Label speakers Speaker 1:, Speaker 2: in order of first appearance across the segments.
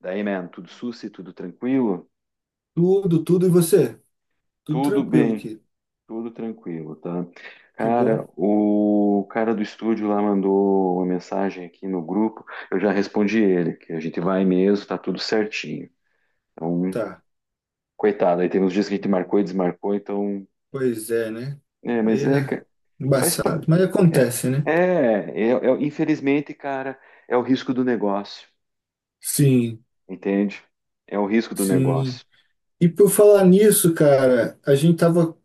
Speaker 1: Daí, man, tudo sussa, tudo tranquilo?
Speaker 2: Tudo, tudo, e você? Tudo
Speaker 1: Tudo
Speaker 2: tranquilo,
Speaker 1: bem, tudo tranquilo, tá?
Speaker 2: que
Speaker 1: Cara,
Speaker 2: bom.
Speaker 1: o cara do estúdio lá mandou uma mensagem aqui no grupo, eu já respondi ele, que a gente vai mesmo, tá tudo certinho. Então,
Speaker 2: Tá,
Speaker 1: coitado, aí tem uns dias que a gente marcou e desmarcou, então.
Speaker 2: pois é, né?
Speaker 1: É, mas
Speaker 2: Aí
Speaker 1: é,
Speaker 2: é
Speaker 1: ca- faz. Pa-
Speaker 2: embaçado, mas
Speaker 1: É,
Speaker 2: acontece, né?
Speaker 1: é, é, é- é, Infelizmente, cara, é o risco do negócio,
Speaker 2: Sim,
Speaker 1: entende? É o risco do
Speaker 2: sim.
Speaker 1: negócio.
Speaker 2: E por falar nisso, cara, a gente tava,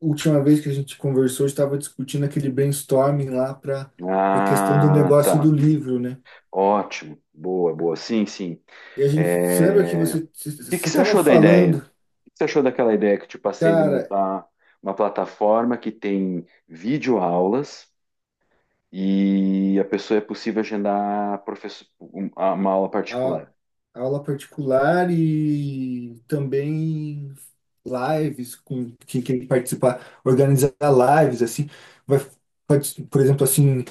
Speaker 2: última vez que a gente conversou, estava discutindo aquele brainstorming lá para questão do
Speaker 1: Ah,
Speaker 2: negócio do
Speaker 1: tá.
Speaker 2: livro, né?
Speaker 1: Ótimo, boa, boa. Sim, sim.
Speaker 2: E a gente, se lembra que
Speaker 1: O
Speaker 2: você
Speaker 1: que que
Speaker 2: você
Speaker 1: você
Speaker 2: estava
Speaker 1: achou da ideia? O
Speaker 2: falando,
Speaker 1: que que você achou daquela ideia que eu te passei de
Speaker 2: cara,
Speaker 1: montar uma plataforma que tem videoaulas e a pessoa é possível agendar uma aula
Speaker 2: a-
Speaker 1: particular?
Speaker 2: aula particular e também lives com quem quer participar, organizar lives assim, vai, por exemplo, assim,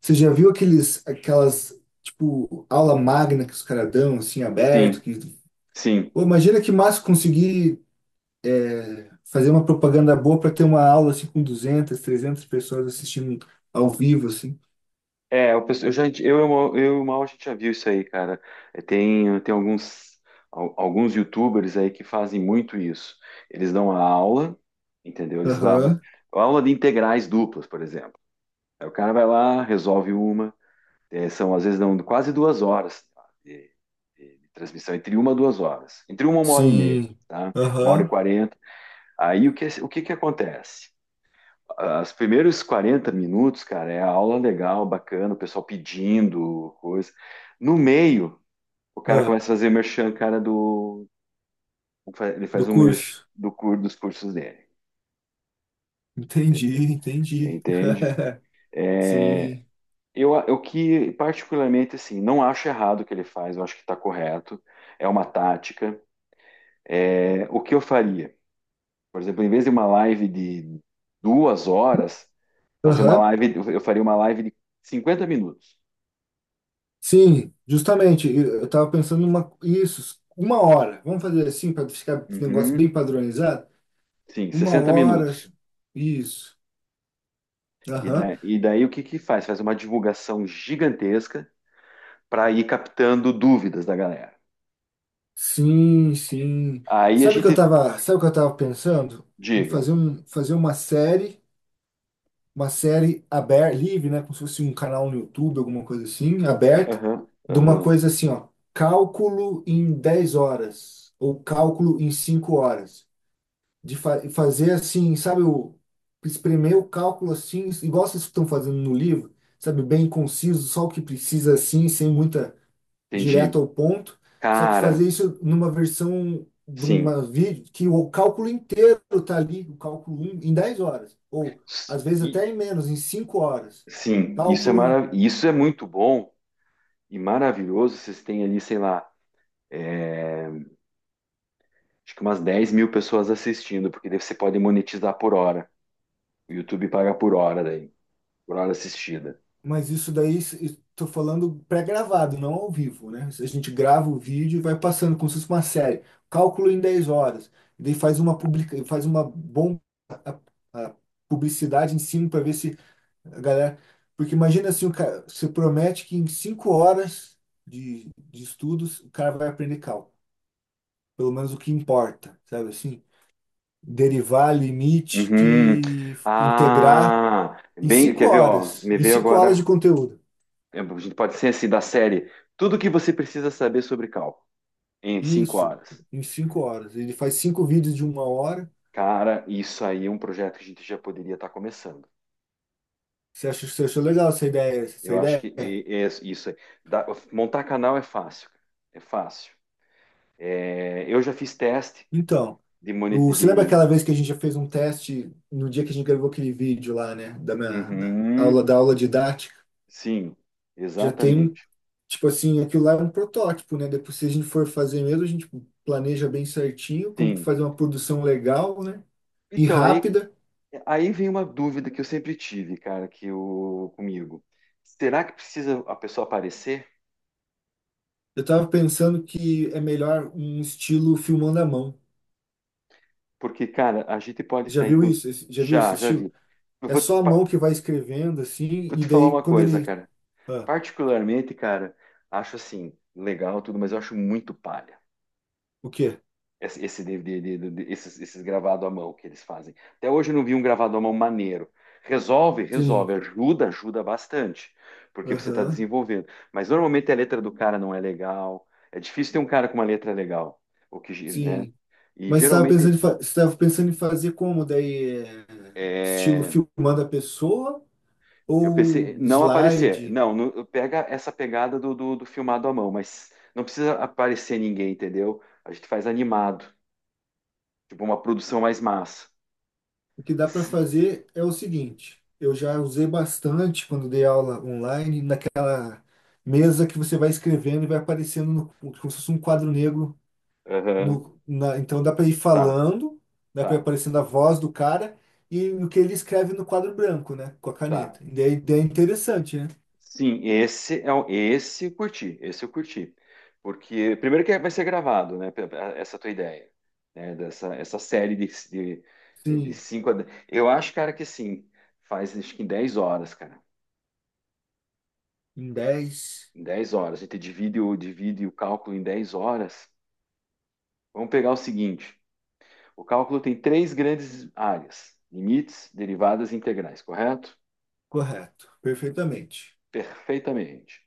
Speaker 2: você já viu aqueles aquelas tipo aula magna que os caras dão assim aberto
Speaker 1: Sim,
Speaker 2: que
Speaker 1: sim.
Speaker 2: Pô, imagina que massa conseguir fazer uma propaganda boa para ter uma aula assim com 200 300 pessoas assistindo ao vivo assim.
Speaker 1: Eu, penso- eu já, eu, eu, e o Mal, a gente já viu isso aí, cara. Tem alguns YouTubers aí que fazem muito isso. Eles dão a aula, entendeu? Eles dão
Speaker 2: Aham.
Speaker 1: a aula de integrais duplas, por exemplo. Aí o cara vai lá, resolve uma. São, às vezes, não, quase duas horas tá, de, de transmissão, entre uma e duas horas. Entre uma hora e meia,
Speaker 2: Sim.
Speaker 1: tá? Uma hora e
Speaker 2: Aham.
Speaker 1: quarenta. Aí, o que que acontece? Ah, os primeiros 40 minutos, cara, é a aula legal, bacana, o pessoal pedindo coisa. No meio, o cara
Speaker 2: Ah,
Speaker 1: começa a fazer merchan, cara, Ele faz
Speaker 2: do
Speaker 1: um merchan
Speaker 2: curso.
Speaker 1: dos cursos dele.
Speaker 2: Entendi, entendi.
Speaker 1: Entende? É,
Speaker 2: Sim.
Speaker 1: eu que, particularmente, assim, não acho errado o que ele faz, eu acho que está correto, é uma tática. O que eu faria? Por exemplo, em vez de uma live de 2 horas,
Speaker 2: Aham.
Speaker 1: eu faria uma live de 50 minutos.
Speaker 2: Sim, justamente. Eu estava pensando em uma, isso, uma hora. Vamos fazer assim para ficar esse negócio
Speaker 1: Uhum,
Speaker 2: bem padronizado?
Speaker 1: sim,
Speaker 2: Uma
Speaker 1: 60
Speaker 2: hora.
Speaker 1: minutos.
Speaker 2: Isso.
Speaker 1: E,
Speaker 2: Aham.
Speaker 1: da- e daí o que que faz? Faz uma divulgação gigantesca para ir captando dúvidas da galera.
Speaker 2: Sim, sim.
Speaker 1: Aí a gente
Speaker 2: Sabe o que eu tava pensando? Em
Speaker 1: diga,
Speaker 2: fazer uma série. Uma série aberta, livre, né? Como se fosse um canal no YouTube, alguma coisa assim, aberta,
Speaker 1: aham,
Speaker 2: de uma
Speaker 1: aham,
Speaker 2: coisa assim, ó, cálculo em 10 horas, ou cálculo em 5 horas. De fazer assim, sabe, espremer o cálculo assim, igual vocês estão fazendo no livro, sabe, bem conciso, só o que precisa assim, sem muita direto
Speaker 1: entendi.
Speaker 2: ao ponto, só que
Speaker 1: Cara,
Speaker 2: fazer isso numa versão de
Speaker 1: sim,
Speaker 2: uma vídeo que o cálculo inteiro tá ali, o cálculo 1, em 10 horas, ou
Speaker 1: s-
Speaker 2: às vezes
Speaker 1: e-
Speaker 2: até em menos, em 5 horas.
Speaker 1: sim,
Speaker 2: Cálculo, em-
Speaker 1: isso é muito bom e maravilhoso. Vocês têm ali, sei lá, é, acho que umas 10 mil pessoas assistindo, porque daí você pode monetizar por hora. O YouTube paga por hora daí, por hora assistida.
Speaker 2: mas isso daí estou falando pré-gravado, não ao vivo, né? A gente grava o vídeo e vai passando como se fosse uma série. Cálculo em 10 horas. E daí faz uma bomba a- a publicidade em cima para ver se A galera, porque imagina assim, o cara, você promete que em cinco horas de estudos o cara vai aprender cálculo, pelo menos o que importa, sabe assim? Derivar, limite,
Speaker 1: Uhum.
Speaker 2: integrar
Speaker 1: Ah, bem, quer ver, ó, me
Speaker 2: em
Speaker 1: veio
Speaker 2: cinco horas de
Speaker 1: agora,
Speaker 2: conteúdo.
Speaker 1: a gente pode ser assim, da série, tudo que você precisa saber sobre cálculo em 5
Speaker 2: Isso,
Speaker 1: horas.
Speaker 2: em cinco horas. Ele faz cinco vídeos de uma hora.
Speaker 1: Cara, isso aí é um projeto que a gente já poderia estar começando.
Speaker 2: Você achou legal essa ideia? Essa
Speaker 1: Eu acho que
Speaker 2: ideia?
Speaker 1: é isso aí. Dá- Montar canal é fácil, cara. É fácil. Eu já fiz teste
Speaker 2: Então,
Speaker 1: de
Speaker 2: o, você lembra aquela vez que a gente já fez um teste no dia que a gente gravou aquele vídeo lá, né?
Speaker 1: monetização.
Speaker 2: Da aula didática?
Speaker 1: Sim,
Speaker 2: Já tem um
Speaker 1: exatamente.
Speaker 2: Tipo assim, aquilo lá é um protótipo, né? Depois, se a gente for fazer mesmo, a gente planeja bem certinho como que
Speaker 1: Sim.
Speaker 2: fazer uma produção legal, né? E
Speaker 1: Então, aí,
Speaker 2: rápida.
Speaker 1: aí vem uma dúvida que eu sempre tive, cara, que o comigo. Será que precisa a pessoa aparecer?
Speaker 2: Eu tava pensando que é melhor um estilo filmando à mão.
Speaker 1: Porque, cara, a gente pode
Speaker 2: Já
Speaker 1: estar aí.
Speaker 2: viu isso? Já viu
Speaker 1: Já,
Speaker 2: esse
Speaker 1: já
Speaker 2: estilo?
Speaker 1: vi. Eu
Speaker 2: É
Speaker 1: vou
Speaker 2: só
Speaker 1: te,
Speaker 2: a mão
Speaker 1: pa-
Speaker 2: que vai escrevendo, assim,
Speaker 1: Vou
Speaker 2: e
Speaker 1: te falar
Speaker 2: daí
Speaker 1: uma
Speaker 2: quando
Speaker 1: coisa,
Speaker 2: ele.
Speaker 1: cara.
Speaker 2: Ah,
Speaker 1: Particularmente, cara, acho assim, legal tudo, mas eu acho muito palha.
Speaker 2: o quê?
Speaker 1: Esses gravado à mão que eles fazem. Até hoje eu não vi um gravado à mão maneiro. Resolve,
Speaker 2: Sim.
Speaker 1: resolve, ajuda, ajuda bastante, porque você está
Speaker 2: Aham.
Speaker 1: desenvolvendo. Mas normalmente a letra do cara não é legal. É difícil ter um cara com uma letra legal, né?
Speaker 2: Sim.
Speaker 1: E
Speaker 2: Mas você estava pensando
Speaker 1: geralmente
Speaker 2: em você tava pensando em fazer como? Daí, é, estilo
Speaker 1: é,
Speaker 2: filmando a pessoa
Speaker 1: eu
Speaker 2: ou
Speaker 1: pensei não aparecer.
Speaker 2: slide?
Speaker 1: Não, pega essa pegada do filmado à mão, mas não precisa aparecer ninguém, entendeu? A gente faz animado, tipo uma produção mais massa.
Speaker 2: O que dá para
Speaker 1: Se-
Speaker 2: fazer é o seguinte: eu já usei bastante quando dei aula online, naquela mesa que você vai escrevendo e vai aparecendo no, como se fosse um quadro negro.
Speaker 1: Aham,
Speaker 2: No, na- então dá para ir
Speaker 1: tá.
Speaker 2: falando, dá para ir
Speaker 1: Tá.
Speaker 2: aparecendo a voz do cara e o que ele escreve no quadro branco, né? Com a
Speaker 1: Tá.
Speaker 2: caneta. E daí é interessante, né?
Speaker 1: Sim, esse eu curti, esse eu curti. Porque primeiro que vai ser gravado, né, essa tua ideia, né, dessa essa série de
Speaker 2: Sim,
Speaker 1: cinco Eu acho, cara, que assim, faz acho que em 10 horas, cara.
Speaker 2: em dez
Speaker 1: Em 10 horas, a gente divide o cálculo em 10 horas. Vamos pegar o seguinte, o cálculo tem três grandes áreas: limites, derivadas e integrais, correto?
Speaker 2: correto, perfeitamente.
Speaker 1: Perfeitamente.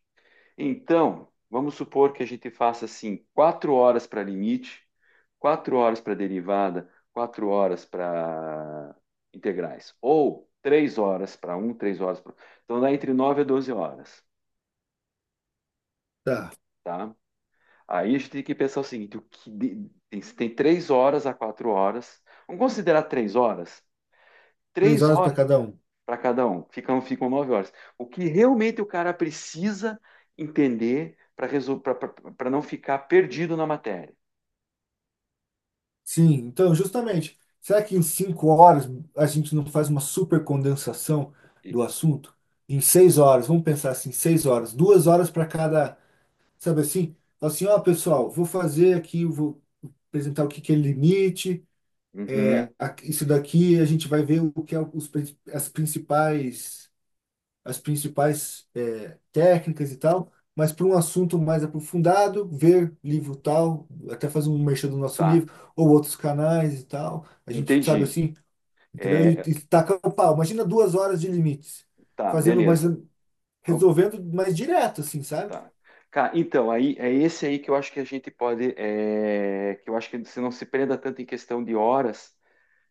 Speaker 1: Então, vamos supor que a gente faça assim, 4 horas para limite, 4 horas para derivada, 4 horas para integrais, ou 3 horas para um, 3 horas para. Então dá entre 9 e 12 horas,
Speaker 2: Tá,
Speaker 1: tá? Aí a gente tem que pensar o seguinte: o que de- tem, tem 3 horas a 4 horas. Vamos considerar 3 horas?
Speaker 2: três
Speaker 1: Três
Speaker 2: horas para
Speaker 1: horas
Speaker 2: cada um.
Speaker 1: para cada um, ficam 9 horas. O que realmente o cara precisa entender para para não ficar perdido na matéria.
Speaker 2: Sim, então, justamente, será que em cinco horas a gente não faz uma super condensação do
Speaker 1: E-
Speaker 2: assunto? Em seis horas, vamos pensar assim, seis horas, duas horas para cada, sabe assim? Fala assim, ó, pessoal, vou fazer aqui, eu vou apresentar o que que é limite,
Speaker 1: Uhum,
Speaker 2: isso daqui a gente vai ver o que é as principais as principais técnicas e tal, mas para um assunto mais aprofundado, ver livro tal, até fazer um merchan do nosso
Speaker 1: tá,
Speaker 2: livro, ou outros canais e tal. A gente sabe
Speaker 1: entendi.
Speaker 2: assim, entendeu?
Speaker 1: É,
Speaker 2: E taca o pau. Imagina duas horas de limites,
Speaker 1: tá,
Speaker 2: fazendo mais,
Speaker 1: beleza. Vamos,
Speaker 2: resolvendo mais direto, assim, sabe?
Speaker 1: tá. Cara, então, aí é esse aí que eu acho que a gente pode, que eu acho que você não se prenda tanto em questão de horas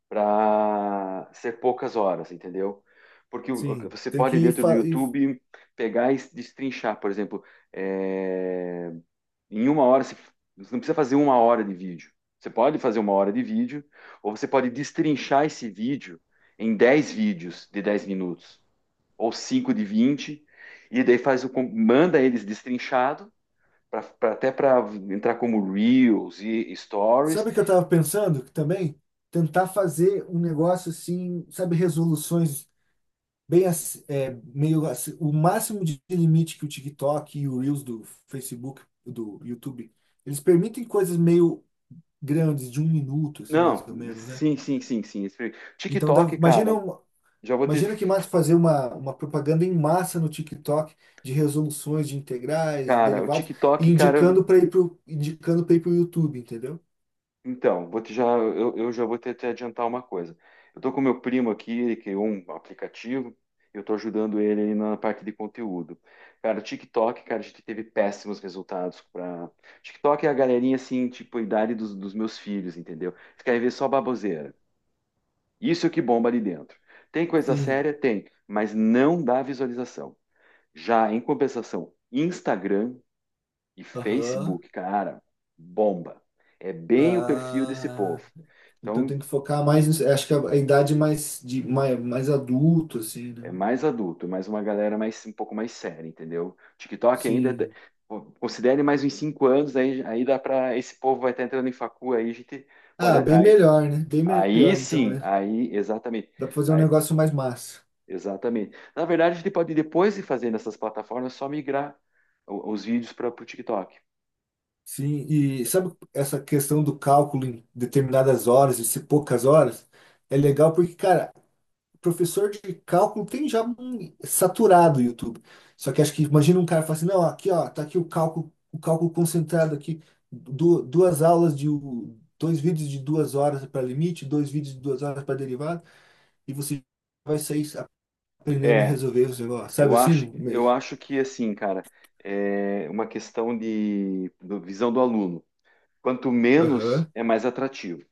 Speaker 1: para ser poucas horas, entendeu? Porque
Speaker 2: Sim,
Speaker 1: você
Speaker 2: tem que
Speaker 1: pode,
Speaker 2: ir.
Speaker 1: dentro do YouTube, pegar e destrinchar, por exemplo, é, em uma hora, você não precisa fazer uma hora de vídeo. Você pode fazer uma hora de vídeo, ou você pode destrinchar esse vídeo em 10 vídeos de 10 minutos, ou 5 de 20, e daí manda eles destrinchado, até para entrar como Reels e Stories.
Speaker 2: Sabe o que eu tava pensando? Que também tentar fazer um negócio assim, sabe, resoluções bem ass- é, meio ass- o máximo de limite que o TikTok e o Reels do Facebook, do YouTube, eles permitem coisas meio grandes, de um minuto, assim, mais
Speaker 1: Não,
Speaker 2: ou menos, né?
Speaker 1: sim, sim, sim, sim.
Speaker 2: Então,
Speaker 1: TikTok, cara, já vou ter.
Speaker 2: imagina que massa fazer uma propaganda em massa no TikTok de resoluções de integrais, de
Speaker 1: Cara, o
Speaker 2: derivados, e
Speaker 1: TikTok, cara,
Speaker 2: indicando para ir pro YouTube, entendeu?
Speaker 1: então, vou te já, eu já vou te adiantar uma coisa. Eu estou com meu primo aqui, ele criou um aplicativo, eu estou ajudando ele aí na parte de conteúdo. Cara, o TikTok, cara, a gente teve péssimos resultados para. TikTok é a galerinha assim, tipo, a idade dos meus filhos, entendeu? Eles querem ver só baboseira. Isso é o que bomba ali dentro. Tem coisa
Speaker 2: Sim.
Speaker 1: séria? Tem, mas não dá visualização. Já em compensação, Instagram e
Speaker 2: Aham.
Speaker 1: Facebook, cara, bomba. É bem o perfil desse
Speaker 2: Ah.
Speaker 1: povo.
Speaker 2: Então
Speaker 1: Então,
Speaker 2: tem que focar mais, nisso. Acho que a idade mais de mais, mais adulto assim, né?
Speaker 1: é mais adulto, mais uma galera mais um pouco mais séria, entendeu? TikTok ainda
Speaker 2: Sim.
Speaker 1: considere mais uns 5 anos, aí dá para esse povo vai estar entrando em facu, aí a gente pode
Speaker 2: Ah, bem
Speaker 1: aí,
Speaker 2: melhor, né? Bem
Speaker 1: aí
Speaker 2: melhor então,
Speaker 1: sim,
Speaker 2: né?
Speaker 1: aí exatamente,
Speaker 2: Dá pra fazer um
Speaker 1: aí,
Speaker 2: negócio mais massa.
Speaker 1: exatamente. Na verdade, a gente pode depois de fazer nessas plataformas só migrar os vídeos para o TikTok.
Speaker 2: Sim, e sabe essa questão do cálculo em determinadas horas e se poucas horas? É legal porque, cara, professor de cálculo tem já um saturado o YouTube. Só que acho que imagina um cara falar assim, não, aqui ó, tá aqui o cálculo concentrado aqui, du- duas aulas de u- dois vídeos de duas horas para limite, dois vídeos de duas horas para derivada, e você vai sair aprendendo a
Speaker 1: É,
Speaker 2: resolver os negócios, sabe
Speaker 1: Eu acho,
Speaker 2: assim?
Speaker 1: eu acho que assim, cara, é uma questão de visão do aluno. Quanto menos
Speaker 2: Aham.
Speaker 1: é mais atrativo.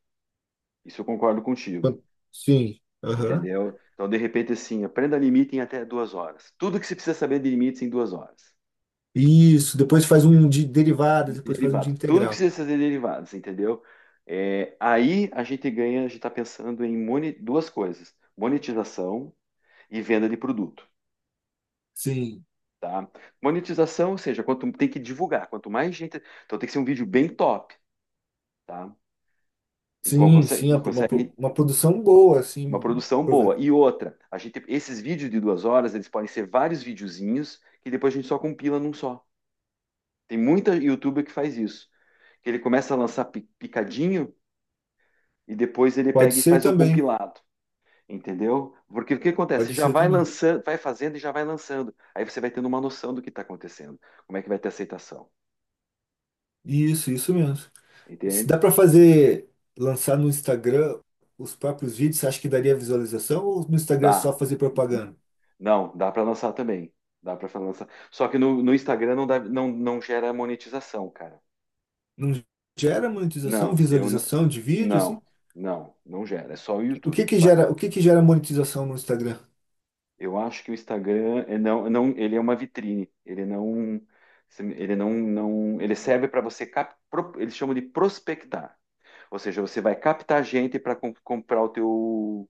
Speaker 1: Isso eu concordo contigo,
Speaker 2: Quan- Sim. Aham.
Speaker 1: entendeu? Então, de repente, assim, aprenda limite em até 2 horas. Tudo que você precisa saber de limites em 2 horas.
Speaker 2: Isso. Depois faz um de derivada,
Speaker 1: De
Speaker 2: depois faz um de
Speaker 1: derivado, tudo
Speaker 2: integral.
Speaker 1: precisa ser derivados, entendeu? É, aí a gente ganha, a gente está pensando em duas coisas: monetização e venda de produto.
Speaker 2: Sim.
Speaker 1: Tá? Monetização, ou seja, quanto tem que divulgar, quanto mais gente. Então tem que ser um vídeo bem top. Tá? E co-
Speaker 2: Sim,
Speaker 1: consegue,
Speaker 2: sim. Uma
Speaker 1: consegue
Speaker 2: uma produção boa,
Speaker 1: uma
Speaker 2: assim.
Speaker 1: produção
Speaker 2: Prove-
Speaker 1: boa. E outra, a gente, esses vídeos de 2 horas, eles podem ser vários videozinhos que depois a gente só compila num só. Tem muita YouTuber que faz isso, que ele começa a lançar picadinho e depois ele
Speaker 2: Pode
Speaker 1: pega e
Speaker 2: ser
Speaker 1: faz um
Speaker 2: também.
Speaker 1: compilado, entendeu? Porque o que acontece? Você
Speaker 2: Pode
Speaker 1: já
Speaker 2: ser
Speaker 1: vai
Speaker 2: também.
Speaker 1: lançando, vai fazendo e já vai lançando. Aí você vai tendo uma noção do que está acontecendo, como é que vai ter aceitação,
Speaker 2: Isso mesmo. Se dá
Speaker 1: entende?
Speaker 2: para fazer, lançar no Instagram os próprios vídeos, você acha que daria visualização? Ou no Instagram é
Speaker 1: Dá.
Speaker 2: só fazer propaganda?
Speaker 1: Não, dá para lançar também. Dá para lançar. Só que no, Instagram não, dá, não, não gera monetização, cara.
Speaker 2: Não gera monetização,
Speaker 1: Não, eu
Speaker 2: visualização de vídeo, assim?
Speaker 1: não, não, não gera. É só o YouTube que paga.
Speaker 2: O que que gera monetização no Instagram?
Speaker 1: Eu acho que o Instagram é não, não, ele é uma vitrine. Ele não, não, ele serve para você eles chamam de prospectar. Ou seja, você vai captar gente para comprar o teu,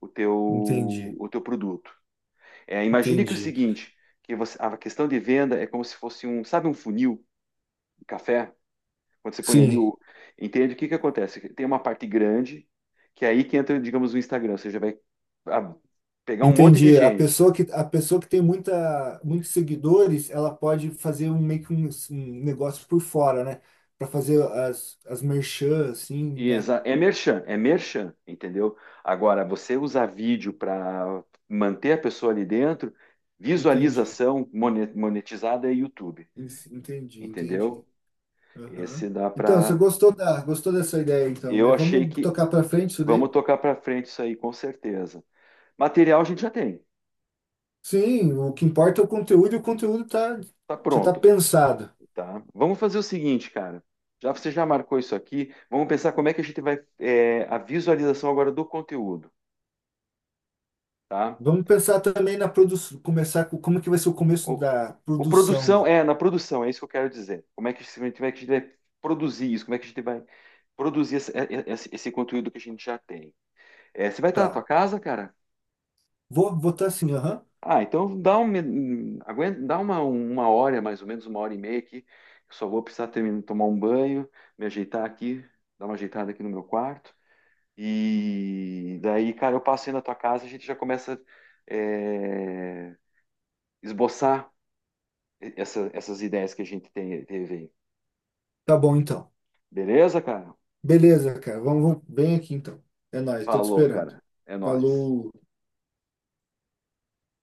Speaker 1: o teu,
Speaker 2: Entendi,
Speaker 1: o teu produto. Imagine que o
Speaker 2: entendi.
Speaker 1: seguinte, que você, a questão de venda é como se fosse um, sabe, um funil. Café, quando você põe ali
Speaker 2: Sim,
Speaker 1: o. Entende o que que acontece? Tem uma parte grande, que é aí que entra, digamos, o Instagram. Você já vai ah, pegar um monte de
Speaker 2: Entendi.
Speaker 1: gente.
Speaker 2: A pessoa que tem muitos seguidores, ela pode fazer um negócio por fora, né? Para fazer as merchan, assim, né?
Speaker 1: É merchan, entendeu? Agora, você usar vídeo para manter a pessoa ali dentro,
Speaker 2: Entendi.
Speaker 1: visualização monetizada é YouTube,
Speaker 2: En- Entendi, entendi.
Speaker 1: entendeu?
Speaker 2: Aham.
Speaker 1: Esse dá
Speaker 2: Então,
Speaker 1: para.
Speaker 2: gostou dessa ideia, então, né?
Speaker 1: Eu achei
Speaker 2: Vamos
Speaker 1: que.
Speaker 2: tocar para frente isso
Speaker 1: Vamos
Speaker 2: daí?
Speaker 1: tocar para frente isso aí, com certeza. Material a gente já tem,
Speaker 2: Sim, o que importa é o conteúdo, e o conteúdo tá,
Speaker 1: tá
Speaker 2: já está
Speaker 1: pronto.
Speaker 2: pensado.
Speaker 1: Tá? Vamos fazer o seguinte, cara. Já você já marcou isso aqui. Vamos pensar como é que a gente vai é, a visualização agora do conteúdo, tá?
Speaker 2: Vamos pensar também na produção, começar com como que vai ser o começo
Speaker 1: O,
Speaker 2: da
Speaker 1: o
Speaker 2: produção,
Speaker 1: produção é na produção, é isso que eu quero dizer. Como é que, se- Como é que a gente vai produzir isso? Como é que a gente vai produzir esse, é, é, esse- esse conteúdo que a gente já tem? Você vai estar na tua
Speaker 2: tá?
Speaker 1: casa, cara?
Speaker 2: Vou botar assim, aham.
Speaker 1: Ah, então aguenta, dá uma hora, mais ou menos uma hora e meia aqui. Eu só vou precisar terminar, tomar um banho, me ajeitar aqui, dar uma ajeitada aqui no meu quarto. E daí, cara, eu passei na tua casa, a gente já começa é, esboçar essas ideias que a gente tem, teve aí.
Speaker 2: Tá bom, então.
Speaker 1: Beleza, cara?
Speaker 2: Beleza, cara. Vem aqui então. É nóis, tô te
Speaker 1: Falou,
Speaker 2: esperando.
Speaker 1: cara. É nóis.
Speaker 2: Falou.